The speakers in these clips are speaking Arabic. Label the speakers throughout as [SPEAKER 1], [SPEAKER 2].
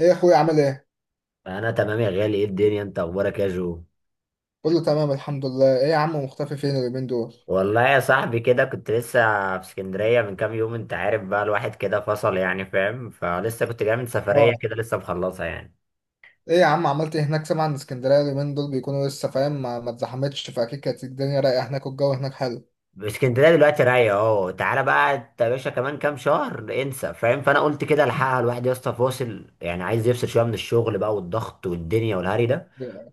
[SPEAKER 1] ايه يا اخويا عامل ايه؟
[SPEAKER 2] انا تمام يا غالي، ايه الدنيا، انت اخبارك يا جو؟
[SPEAKER 1] كله تمام الحمد لله، ايه يا عم مختفي فين اليومين دول؟
[SPEAKER 2] والله يا صاحبي كده كنت لسه في اسكندريه من كام يوم، انت عارف بقى الواحد كده فصل، يعني فاهم؟ فلسه كنت جاي من سفريه
[SPEAKER 1] اه،
[SPEAKER 2] كده لسه مخلصها يعني.
[SPEAKER 1] ايه يا عم عملت ايه هناك؟ سامع ان اسكندرية اليومين دول بيكونوا لسه فاهم، ما اتزحمتش، فاكيد كانت الدنيا رايقة هناك والجو هناك حلو.
[SPEAKER 2] اسكندريه دلوقتي رايقه اهو، تعالى بقى انت يا باشا كمان كام شهر انسى، فاهم؟ فانا قلت كده الحقها الواحد يا اسطى فاصل، يعني عايز يفصل شويه من الشغل بقى والضغط والدنيا والهري ده.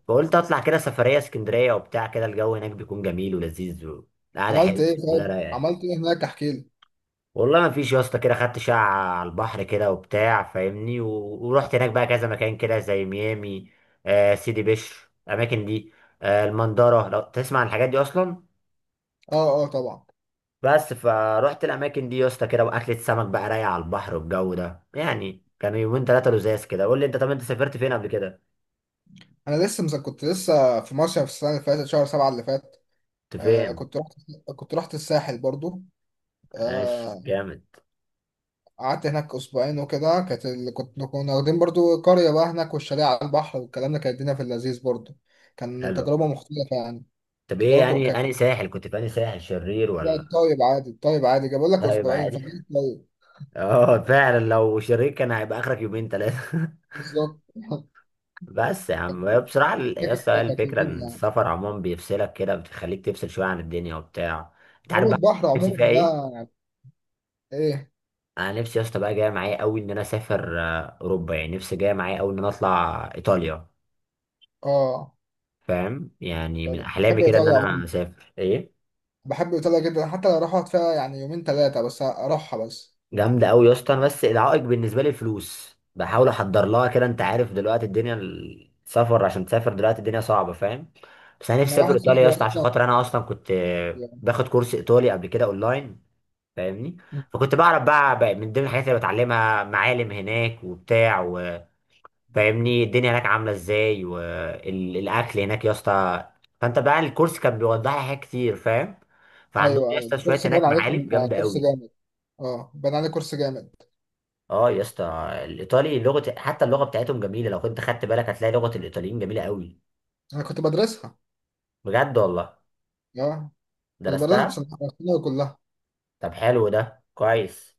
[SPEAKER 2] فقلت اطلع كده سفريه اسكندريه وبتاع كده، الجو هناك بيكون جميل ولذيذ وقعده
[SPEAKER 1] عملت
[SPEAKER 2] حلوه،
[SPEAKER 1] ايه
[SPEAKER 2] اسكندريه
[SPEAKER 1] طيب؟
[SPEAKER 2] رايقه يعني.
[SPEAKER 1] عملت ايه هناك؟ احكي لي.
[SPEAKER 2] والله ما فيش يا اسطى، كده خدت شقة على البحر كده وبتاع فاهمني، و... ورحت هناك بقى كذا مكان كده، زي ميامي، آه، سيدي بشر، الاماكن دي، آه، المندرة، لو تسمع عن الحاجات دي اصلا.
[SPEAKER 1] اه اه طبعا.
[SPEAKER 2] بس فروحت الاماكن دي يا اسطى كده، واكلة سمك بقى رايقة على البحر، والجو ده يعني كانوا يومين ثلاثة لزاز كده. قول لي انت، طب انت سافرت فين قبل كده؟
[SPEAKER 1] كنت لسه في مصيف السنة اللي فاتت شهر سبعة اللي فات.
[SPEAKER 2] كنت
[SPEAKER 1] آه
[SPEAKER 2] فين؟
[SPEAKER 1] كنت رحت الساحل برضو.
[SPEAKER 2] ماشي،
[SPEAKER 1] آه،
[SPEAKER 2] جامد،
[SPEAKER 1] قعدت هناك اسبوعين وكده كانت كنا واخدين برضو قريه بقى هناك، والشاليه على البحر والكلام ده، كانت الدنيا في اللذيذ برضو. كان
[SPEAKER 2] حلو.
[SPEAKER 1] تجربه مختلفه يعني.
[SPEAKER 2] طب ايه
[SPEAKER 1] تجربه
[SPEAKER 2] يعني
[SPEAKER 1] كانت
[SPEAKER 2] انهي ساحل كنت، في انهي ساحل، شرير
[SPEAKER 1] لا،
[SPEAKER 2] ولا؟
[SPEAKER 1] الطيب عادي، الطيب عادي، جاي بقول لك
[SPEAKER 2] لا يبقى
[SPEAKER 1] اسبوعين
[SPEAKER 2] عادي.
[SPEAKER 1] فقلت طيب.
[SPEAKER 2] اه فعلا، لو شرير كان هيبقى اخرك يومين ثلاثة.
[SPEAKER 1] بالظبط.
[SPEAKER 2] بس يا عم هي بصراحة
[SPEAKER 1] هي
[SPEAKER 2] يا
[SPEAKER 1] كانت
[SPEAKER 2] اسطى هي
[SPEAKER 1] كانت
[SPEAKER 2] الفكرة
[SPEAKER 1] لذيذه
[SPEAKER 2] ان
[SPEAKER 1] يعني.
[SPEAKER 2] السفر عموما بيفصلك كده، بتخليك تفصل شوية عن الدنيا وبتاع، انت عارف
[SPEAKER 1] هو
[SPEAKER 2] بقى.
[SPEAKER 1] البحر
[SPEAKER 2] نفسي
[SPEAKER 1] عموما
[SPEAKER 2] فيها ايه؟
[SPEAKER 1] ده. ايه.
[SPEAKER 2] انا نفسي يا اسطى بقى جاية معايا قوي ان انا اسافر اوروبا. يعني نفسي جاية معايا قوي ان انا اطلع ايطاليا،
[SPEAKER 1] اه
[SPEAKER 2] فاهم؟ يعني من
[SPEAKER 1] طبعا، بحب
[SPEAKER 2] احلامي كده ان
[SPEAKER 1] ايطاليا
[SPEAKER 2] انا
[SPEAKER 1] عموما.
[SPEAKER 2] اسافر ايه؟
[SPEAKER 1] بحب ايطاليا جدا، حتى لو اروح اقعد فيها يعني يومين ثلاثه بس اروحها بس.
[SPEAKER 2] جامدة قوي يا اسطى. انا بس العائق بالنسبة لي الفلوس، بحاول احضر لها كده، انت عارف دلوقتي الدنيا السفر، عشان تسافر دلوقتي الدنيا صعبة، فاهم؟ بس انا
[SPEAKER 1] انا
[SPEAKER 2] نفسي اسافر
[SPEAKER 1] واحد
[SPEAKER 2] ايطاليا يا
[SPEAKER 1] صاحبي
[SPEAKER 2] اسطى، عشان
[SPEAKER 1] اصلا
[SPEAKER 2] خاطر انا اصلا كنت
[SPEAKER 1] يعني.
[SPEAKER 2] باخد كورس ايطالي قبل كده اونلاين، فاهمني؟
[SPEAKER 1] أمم.
[SPEAKER 2] فكنت بعرف بقى، من ضمن الحاجات اللي بتعلمها معالم هناك وبتاع، وفاهمني الدنيا هناك عامله ازاي والاكل هناك يا اسطى. فانت بقى الكورس كان بيوضح لي حاجات كتير، فاهم؟ فعندهم
[SPEAKER 1] ايوه
[SPEAKER 2] يا
[SPEAKER 1] ايوه
[SPEAKER 2] اسطى شويه
[SPEAKER 1] الكورس باين
[SPEAKER 2] هناك
[SPEAKER 1] عليك
[SPEAKER 2] معالم
[SPEAKER 1] ان
[SPEAKER 2] جامده
[SPEAKER 1] كورس
[SPEAKER 2] قوي.
[SPEAKER 1] جامد. اه باين عليك كورس جامد.
[SPEAKER 2] اه يا اسطى، الايطالي لغه، حتى اللغه بتاعتهم جميله، لو كنت خدت بالك هتلاقي لغه الايطاليين جميله قوي.
[SPEAKER 1] انا كنت بدرسها.
[SPEAKER 2] بجد والله
[SPEAKER 1] اه كنت بدرسها
[SPEAKER 2] درستها.
[SPEAKER 1] بصناعة كلها.
[SPEAKER 2] طب حلو، ده كويس.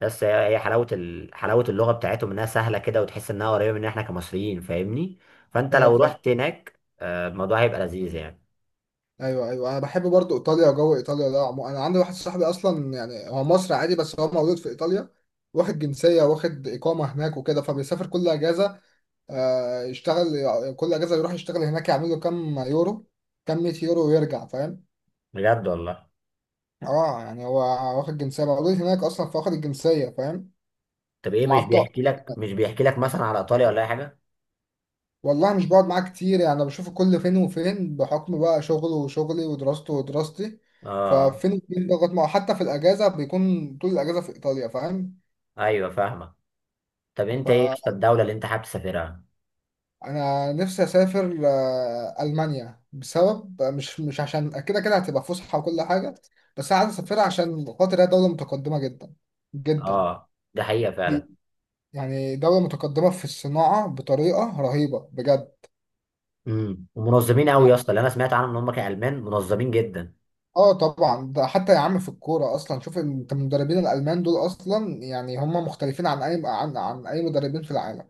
[SPEAKER 2] بس هي هي حلاوة حلاوة اللغة بتاعتهم انها سهلة كده، وتحس انها قريبة من احنا كمصريين، فاهمني؟ فانت
[SPEAKER 1] ايوه
[SPEAKER 2] لو
[SPEAKER 1] فاهم.
[SPEAKER 2] رحت هناك الموضوع هيبقى لذيذ يعني.
[SPEAKER 1] ايوه ايوه، انا بحب برضو ايطاليا. جو ايطاليا ده انا عندي واحد صاحبي اصلا، يعني هو مصري عادي بس هو مولود في ايطاليا، واخد جنسيه واخد اقامه هناك وكده، فبيسافر كل اجازه. آه يشتغل، كل اجازه يروح يشتغل هناك، يعمل له كام يورو، كام 100 يورو ويرجع، فاهم؟
[SPEAKER 2] بجد والله.
[SPEAKER 1] اه يعني هو واخد جنسيه، مولود هناك اصلا فواخد الجنسيه فاهم،
[SPEAKER 2] طب ايه،
[SPEAKER 1] ومعاه
[SPEAKER 2] مش
[SPEAKER 1] بطاقه.
[SPEAKER 2] بيحكي لك مش بيحكي لك مثلا على ايطاليا ولا اي حاجة؟
[SPEAKER 1] والله مش بقعد معاه كتير يعني، انا بشوفه كل فين وفين بحكم بقى شغله وشغلي ودراسته ودراستي،
[SPEAKER 2] اه
[SPEAKER 1] ففين وفين بضغط معه، حتى في الاجازه بيكون طول الاجازه في ايطاليا فاهم.
[SPEAKER 2] ايوه فاهمة. طب انت ايه يا اسطى الدولة اللي انت حابب تسافرها؟
[SPEAKER 1] فانا نفسي اسافر المانيا، بسبب مش عشان كده كده هتبقى فسحه وكل حاجه، بس انا عايز اسافرها عشان خاطر هي دوله متقدمه جدا جدا.
[SPEAKER 2] اه ده حقيقة
[SPEAKER 1] دي
[SPEAKER 2] فعلا.
[SPEAKER 1] يعني دوله متقدمه في الصناعه بطريقه رهيبه بجد.
[SPEAKER 2] امم، ومنظمين قوي يا اسطى، اللي انا سمعت عنهم ان هم كالمان منظمين جدا.
[SPEAKER 1] اه طبعا، ده حتى يا عم في الكوره اصلا، شوف انت المدربين الالمان دول اصلا، يعني هم مختلفين عن اي عن اي مدربين في العالم.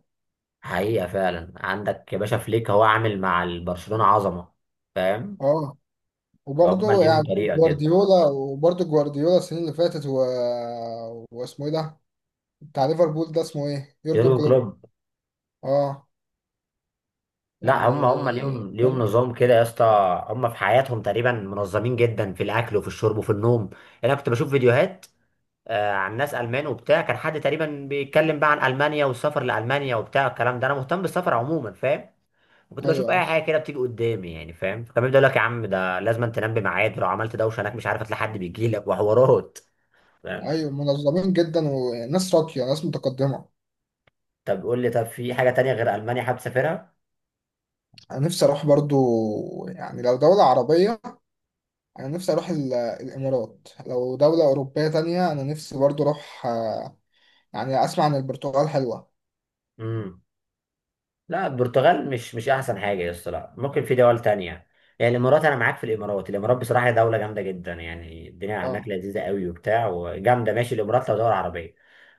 [SPEAKER 2] حقيقة فعلا عندك يا باشا، فليك هو عامل مع البرشلونة عظمة، فاهم؟
[SPEAKER 1] اه
[SPEAKER 2] فهم
[SPEAKER 1] وبرضه
[SPEAKER 2] ليهم
[SPEAKER 1] يعني
[SPEAKER 2] طريقة كده.
[SPEAKER 1] جوارديولا، وبرضه جوارديولا السنين اللي فاتت واسمه ايه ده، بتاع ليفربول ده اسمه ايه؟ يورجن
[SPEAKER 2] يورجن
[SPEAKER 1] كلوب.
[SPEAKER 2] كلوب.
[SPEAKER 1] اه
[SPEAKER 2] لا
[SPEAKER 1] يعني.
[SPEAKER 2] هم، هم ليهم
[SPEAKER 1] ايوه
[SPEAKER 2] نظام كده يا اسطى. هم في حياتهم تقريبا منظمين جدا، في الاكل وفي الشرب وفي النوم. انا كنت بشوف فيديوهات عن ناس المان وبتاع، كان حد تقريبا بيتكلم بقى عن المانيا والسفر لالمانيا وبتاع الكلام ده، انا مهتم بالسفر عموما فاهم؟ وكنت بشوف اي
[SPEAKER 1] ايوه
[SPEAKER 2] حاجه كده بتيجي قدامي يعني، فاهم؟ كان بيبدا يقول لك يا عم ده لازم تنام بميعاد، ولو عملت دوشه هناك مش عارف هتلاقي حد بيجي لك وحوارات، فاهم؟
[SPEAKER 1] ايوه منظمين جدا وناس راقيه، ناس متقدمه.
[SPEAKER 2] طب قول لي، طب في حاجه تانية غير المانيا حابب تسافرها؟
[SPEAKER 1] انا نفسي اروح برضه يعني لو دوله عربيه، انا نفسي اروح الامارات. لو دولة اوروبية تانية انا نفسي برضو اروح يعني اسمع عن البرتغال حلوة.
[SPEAKER 2] لا البرتغال مش احسن حاجه يا اسطى، لا ممكن في دول تانية. يعني الامارات، انا معاك في الامارات، الامارات بصراحه هي دوله جامده جدا، يعني الدنيا هناك
[SPEAKER 1] اه،
[SPEAKER 2] لذيذه قوي وبتاع وجامده. ماشي الامارات لو دوله عربيه.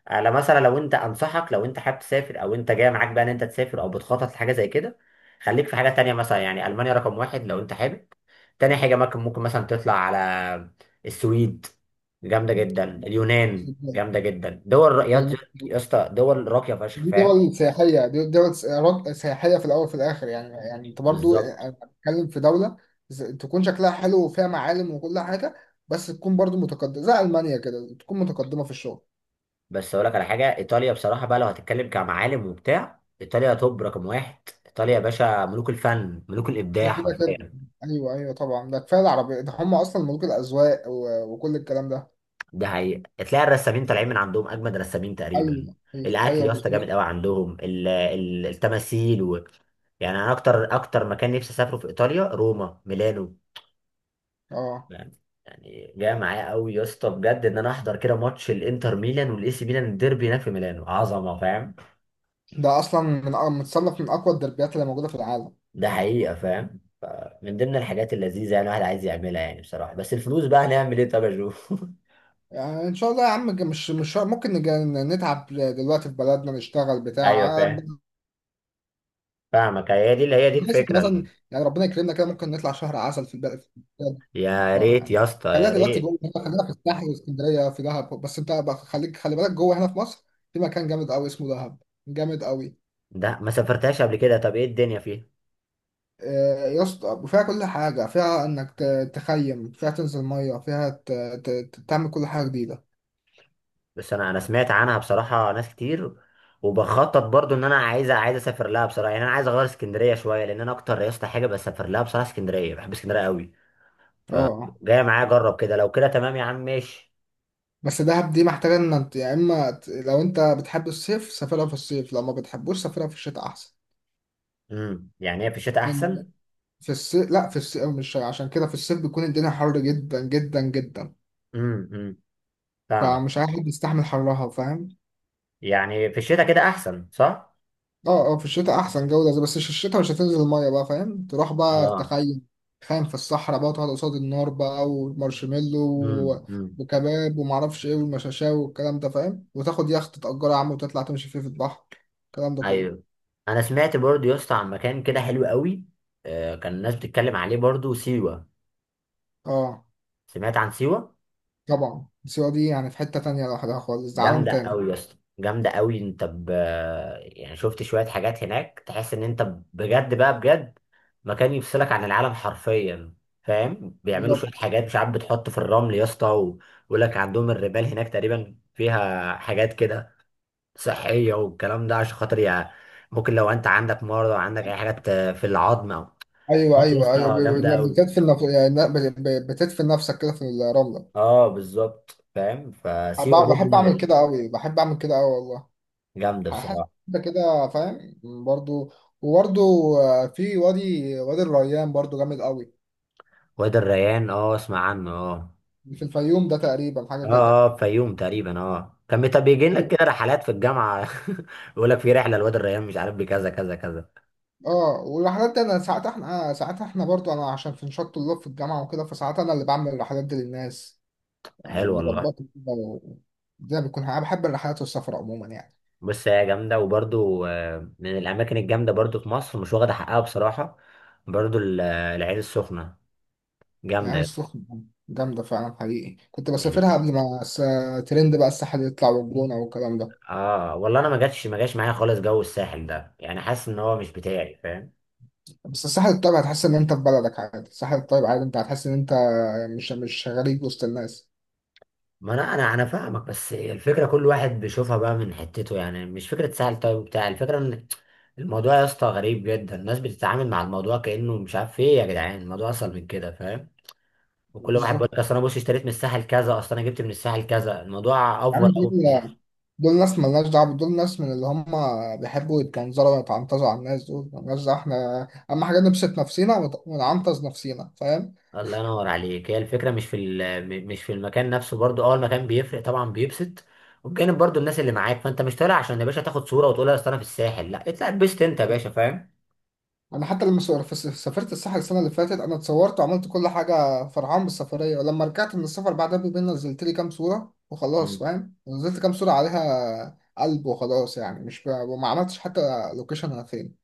[SPEAKER 2] على مثلا لو انت، انصحك لو انت حابب تسافر او انت جاي معاك بقى ان انت تسافر او بتخطط لحاجه زي كده، خليك في حاجه تانية مثلا، يعني المانيا رقم واحد لو انت حابب، تاني حاجه ممكن مثلا تطلع على السويد، جامده جدا، اليونان جامده جدا، دول يا
[SPEAKER 1] لأن
[SPEAKER 2] يا اسطى دول راقيه فشخ،
[SPEAKER 1] دي
[SPEAKER 2] فاهم؟
[SPEAKER 1] دول سياحية، دي دول سياحية في الأول وفي الآخر يعني. يعني أنت برضو
[SPEAKER 2] بالظبط.
[SPEAKER 1] أنا بتكلم في دولة تكون شكلها حلو وفيها معالم وكل حاجة، بس تكون برضو متقدمة زي ألمانيا كده، تكون متقدمة في الشغل.
[SPEAKER 2] بس اقول لك على حاجه، ايطاليا بصراحه بقى لو هتتكلم كمعالم وبتاع، ايطاليا توب رقم واحد. ايطاليا يا باشا ملوك الفن ملوك
[SPEAKER 1] ده
[SPEAKER 2] الابداع
[SPEAKER 1] كده كده.
[SPEAKER 2] حرفيا.
[SPEAKER 1] أيوه أيوه طبعا، ده كفاية العربية ده، هم أصلا ملوك الأذواق وكل الكلام ده.
[SPEAKER 2] ده حقيقي، تلاقي الرسامين طالعين من عندهم اجمد رسامين تقريبا.
[SPEAKER 1] أيوه أيوه,
[SPEAKER 2] الاكل
[SPEAKER 1] أيوة
[SPEAKER 2] يا اسطى جامد
[SPEAKER 1] بالظبط.
[SPEAKER 2] قوي، عندهم التماثيل و... يعني انا اكتر اكتر مكان نفسي اسافره في ايطاليا، روما، ميلانو،
[SPEAKER 1] أه
[SPEAKER 2] يعني. يعني جاي معايا قوي يا اسطى بجد ان انا احضر كده ماتش الانتر ميلان والاي سي ميلان، الديربي هناك في ميلانو عظمه، فاهم؟
[SPEAKER 1] ده اصلا من متصنف من اقوى الدربيات اللي موجوده في العالم.
[SPEAKER 2] ده حقيقة فاهم، من ضمن الحاجات اللذيذة يعني الواحد عايز يعملها، يعني بصراحة بس الفلوس بقى هنعمل ايه طب يا جو.
[SPEAKER 1] يعني ان شاء الله يا عم، مش ممكن نتعب دلوقتي في بلدنا، نشتغل
[SPEAKER 2] ايوه
[SPEAKER 1] بتاع،
[SPEAKER 2] فاهم. فاهمك، هي دي
[SPEAKER 1] بحيث إن
[SPEAKER 2] الفكرة
[SPEAKER 1] مثلا يعني ربنا يكرمنا كده ممكن نطلع شهر عسل في البلد، في البلد.
[SPEAKER 2] يا
[SPEAKER 1] اه
[SPEAKER 2] ريت يا
[SPEAKER 1] يعني
[SPEAKER 2] اسطى
[SPEAKER 1] خلينا
[SPEAKER 2] يا
[SPEAKER 1] دلوقتي
[SPEAKER 2] ريت.
[SPEAKER 1] جوه هنا، خلينا في الساحل واسكندريه في دهب، بس انت بقى خليك خلي بالك جوه هنا في مصر في مكان جامد قوي اسمه دهب، جامد قوي.
[SPEAKER 2] ده ما سافرتهاش قبل كده، طب ايه الدنيا فيها؟
[SPEAKER 1] يا اسطى وفيها كل حاجه، فيها انك تخيم فيها، تنزل ميه فيها، تعمل كل حاجه جديده.
[SPEAKER 2] بس انا سمعت عنها بصراحة ناس كتير، وبخطط برضو ان انا عايز اسافر لها بصراحة. يعني انا عايز اغير اسكندرية شوية، لان انا اكتر يا اسطى حاجة بسافر لها بصراحة اسكندرية، بحب اسكندرية قوي.
[SPEAKER 1] اه آه.
[SPEAKER 2] فجاية معايا اجرب كده، لو كده تمام يا عم ماشي.
[SPEAKER 1] بس دهب دي محتاجة ان انت يا اما لو انت بتحب الصيف سافرها في الصيف، لو ما بتحبوش سافرها في الشتاء احسن،
[SPEAKER 2] امم، يعني هي في الشتاء
[SPEAKER 1] لأن
[SPEAKER 2] احسن.
[SPEAKER 1] في الصيف، لا في الصيف مش عشان كده، في الصيف بيكون الدنيا حر جدا جدا جدا،
[SPEAKER 2] امم، امم، فاهمك.
[SPEAKER 1] فمش عارف يستحمل حرها فاهم.
[SPEAKER 2] يعني في الشتاء كده احسن صح.
[SPEAKER 1] اه اه في الشتاء احسن جو ده، بس في الشتاء مش هتنزل المية بقى فاهم، تروح بقى
[SPEAKER 2] اه،
[SPEAKER 1] تخيم، تخيم في الصحراء بقى، وتقعد قصاد النار بقى، ومارشميلو
[SPEAKER 2] امم،
[SPEAKER 1] و-
[SPEAKER 2] امم.
[SPEAKER 1] وكباب ومعرفش ايه، والمشاشاو والكلام ده فاهم، وتاخد يخت تأجره يا عم وتطلع تمشي فيه في البحر، الكلام ده كله.
[SPEAKER 2] ايوه، انا سمعت برضو يا اسطى عن مكان كده حلو قوي، آه، كان الناس بتتكلم عليه برضو سيوة.
[SPEAKER 1] اه
[SPEAKER 2] سمعت عن سيوة.
[SPEAKER 1] طبعا. سيوة دي يعني في حتة تانية لوحدها خالص، ده عالم
[SPEAKER 2] جامده
[SPEAKER 1] تاني.
[SPEAKER 2] قوي يا اسطى جامده قوي. انت ب... يعني شفت شويه حاجات هناك تحس ان انت، بجد بقى بجد، مكان يفصلك عن العالم حرفيا، فاهم؟ بيعملوا شويه
[SPEAKER 1] بالظبط.
[SPEAKER 2] حاجات مش عارف، بتحط في الرمل يا اسطى، ويقول لك عندهم الرمال هناك تقريبا فيها حاجات كده صحية والكلام ده، عشان خاطر يعني ممكن لو انت عندك مرض او عندك اي حاجات في العظم او،
[SPEAKER 1] ايوه
[SPEAKER 2] بط يا
[SPEAKER 1] ايوه
[SPEAKER 2] اسطى جامدة اوي.
[SPEAKER 1] بتدفن يعني بتدفن نفسك كده في الرملة.
[SPEAKER 2] اه بالظبط فاهم، فسيوة برضو
[SPEAKER 1] بحب
[SPEAKER 2] من
[SPEAKER 1] اعمل كده قوي، بحب اعمل كده قوي والله.
[SPEAKER 2] الجامدة
[SPEAKER 1] هحس
[SPEAKER 2] بصراحة.
[SPEAKER 1] كده كده فاهم. برضو، وبرضو في وادي، وادي الريان برضو جامد قوي،
[SPEAKER 2] وادي الريان، اه اسمع عنه، اه.
[SPEAKER 1] في الفيوم ده تقريبا حاجة كده.
[SPEAKER 2] اه، اه فيوم تقريبا، اه كان بيجي لك كده رحلات في الجامعة. يقول لك في رحلة لوادي الريان، مش عارف بكذا كذا كذا.
[SPEAKER 1] اه، والرحلات دي انا ساعات احنا ساعات احنا برضو انا، عشان في نشاط طلاب في الجامعة وكده، فساعات انا اللي بعمل الرحلات دي للناس يعني،
[SPEAKER 2] حلو والله.
[SPEAKER 1] وبظبطها كده الدنيا بتكون، أنا بحب الرحلات والسفر عموما يعني.
[SPEAKER 2] بص هي جامدة، وبرضو من الأماكن الجامدة برضو في مصر مش واخدة حقها بصراحة، برضو العين السخنة،
[SPEAKER 1] العين
[SPEAKER 2] جامدة
[SPEAKER 1] السخنة جامدة فعلا حقيقي، كنت بسافرها
[SPEAKER 2] يعني.
[SPEAKER 1] قبل ما ترند بقى الساحل يطلع والجونة والكلام ده.
[SPEAKER 2] اه والله انا ما جاش معايا خالص جو الساحل ده، يعني حاسس ان هو مش بتاعي، فاهم؟
[SPEAKER 1] بس الساحل الطيب هتحس إن أنت في بلدك عادي، الساحل الطيب عادي أنت هتحس إن أنت مش غريب وسط الناس.
[SPEAKER 2] ما انا فاهمك. بس الفكره كل واحد بيشوفها بقى من حتته، يعني مش فكره ساحل طيب بتاع، الفكره ان الموضوع يا اسطى غريب جدا، الناس بتتعامل مع الموضوع كانه مش عارف ايه، يا جدعان الموضوع اصل من كده فاهم؟ وكل واحد بيقول لك
[SPEAKER 1] بالظبط.
[SPEAKER 2] اصل انا بص اشتريت من الساحل كذا، اصل انا جبت من الساحل كذا، الموضوع
[SPEAKER 1] يا
[SPEAKER 2] افضل
[SPEAKER 1] عم
[SPEAKER 2] قوي.
[SPEAKER 1] دول، دول ناس ملناش دعوة، دول ناس من اللي هم بيحبوا يتجنزروا ويتعنطزوا على الناس، دول ملناش دعوة، احنا أهم حاجة نبسط نفسينا ونعنطز نفسينا فاهم؟
[SPEAKER 2] الله ينور عليك. هي الفكرة مش في مش في المكان نفسه برضو. اه المكان بيفرق طبعا بيبسط، وبجانب برضو الناس اللي معاك، فانت مش طالع عشان يا باشا تاخد صورة وتقول لها اصل انا في الساحل، لا اطلع اتبسط انت يا باشا فاهم؟
[SPEAKER 1] انا حتى لما سافرت الساحل السنه اللي فاتت، انا اتصورت وعملت كل حاجه فرحان بالسفريه، ولما رجعت من السفر بعدها بيومين نزلت لي كام صوره وخلاص
[SPEAKER 2] مم.
[SPEAKER 1] فاهم، نزلت كام صوره عليها قلب وخلاص، يعني مش ب... وما عملتش حتى لوكيشن انا فين.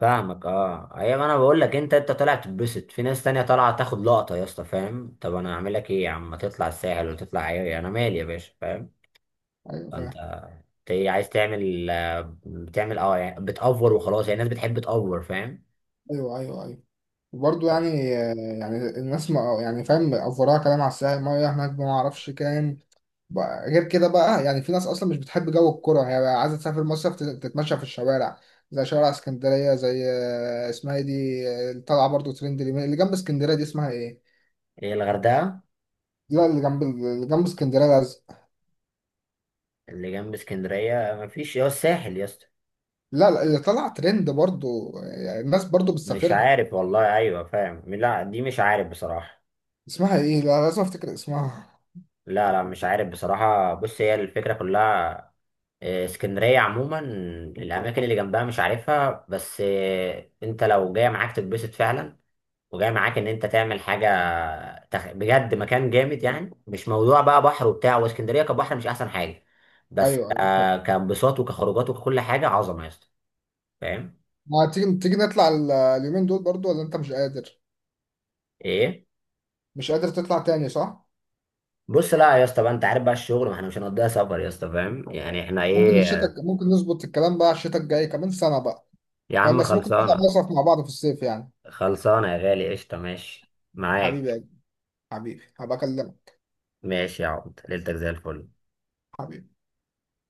[SPEAKER 2] فاهمك. اه ايوه، انا بقول لك، انت طالع تتبسط في ناس تانية طالعة تاخد لقطة يا اسطى، فاهم؟ طب انا اعمل لك ايه يا عم، ما تطلع الساحل وتطلع ايه، انا مالي يا باشا، فاهم؟
[SPEAKER 1] ايوه
[SPEAKER 2] فانت،
[SPEAKER 1] فاهم.
[SPEAKER 2] انت إيه عايز تعمل بتعمل اه يعني بتأفور وخلاص، يعني الناس بتحب تأفور، فاهم؟
[SPEAKER 1] ايوه ايوه برضه يعني، يعني الناس ما يعني فاهم، افوراها كلام على الساحل، ميه هناك ما اعرفش كام بقى، غير كده بقى يعني في ناس اصلا مش بتحب جو الكرة، هي بقى عايزة تسافر مصيف، تتمشى في الشوارع زي شوارع اسكندرية، زي اسمها ايه دي، اللي طالعة برضه ترند اللي جنب اسكندرية دي اسمها ايه؟
[SPEAKER 2] ايه، الغردقة؟
[SPEAKER 1] لا اللي جنب، اللي جنب اسكندرية لازق.
[SPEAKER 2] اللي جنب اسكندرية مفيش يا الساحل يا اسطى.
[SPEAKER 1] لا لا، اللي طالعة ترند برضه يعني الناس برضه
[SPEAKER 2] مش
[SPEAKER 1] بتسافرها.
[SPEAKER 2] عارف والله، أيوة فاهم، لا دي مش عارف بصراحة.
[SPEAKER 1] اسمها ايه؟ لا لازم افتكر اسمها.
[SPEAKER 2] لا لا مش عارف بصراحة. بص هي الفكرة كلها، اسكندرية عموما الأماكن اللي جنبها مش عارفها، بس أنت لو جاي معاك تتبسط فعلا، وجاي معاك إن أنت تعمل حاجة، تخ... بجد مكان جامد، يعني مش موضوع بقى بحر وبتاع، واسكندرية كبحر مش أحسن حاجة. بس
[SPEAKER 1] ايوه ايوه فاهم.
[SPEAKER 2] كانبساط وكخروجات وككل حاجة عظمة يا اسطى، فاهم؟
[SPEAKER 1] ما تيجي، تيجي نطلع اليومين دول برضه ولا انت مش قادر؟
[SPEAKER 2] إيه؟
[SPEAKER 1] مش قادر تطلع تاني صح؟
[SPEAKER 2] بص لا يا اسطى بقى، انت عارف بقى الشغل، ما احنا مش هنقضيها سفر يا اسطى، فاهم يعني احنا
[SPEAKER 1] ممكن
[SPEAKER 2] ايه.
[SPEAKER 1] الشتاء، ممكن نظبط الكلام بقى الشتاء الجاي كمان سنة بقى
[SPEAKER 2] يا
[SPEAKER 1] فاهم،
[SPEAKER 2] عم
[SPEAKER 1] بس ممكن نطلع
[SPEAKER 2] خلصانه.
[SPEAKER 1] مصيف مع بعض في الصيف يعني.
[SPEAKER 2] خلصانه يا غالي، قشطه، ماشي
[SPEAKER 1] حبيبي يا
[SPEAKER 2] معاك.
[SPEAKER 1] جدع، حبيبي هبقى اكلمك.
[SPEAKER 2] ماشي يا عبد، ليلتك زي الفل.
[SPEAKER 1] حبيبي.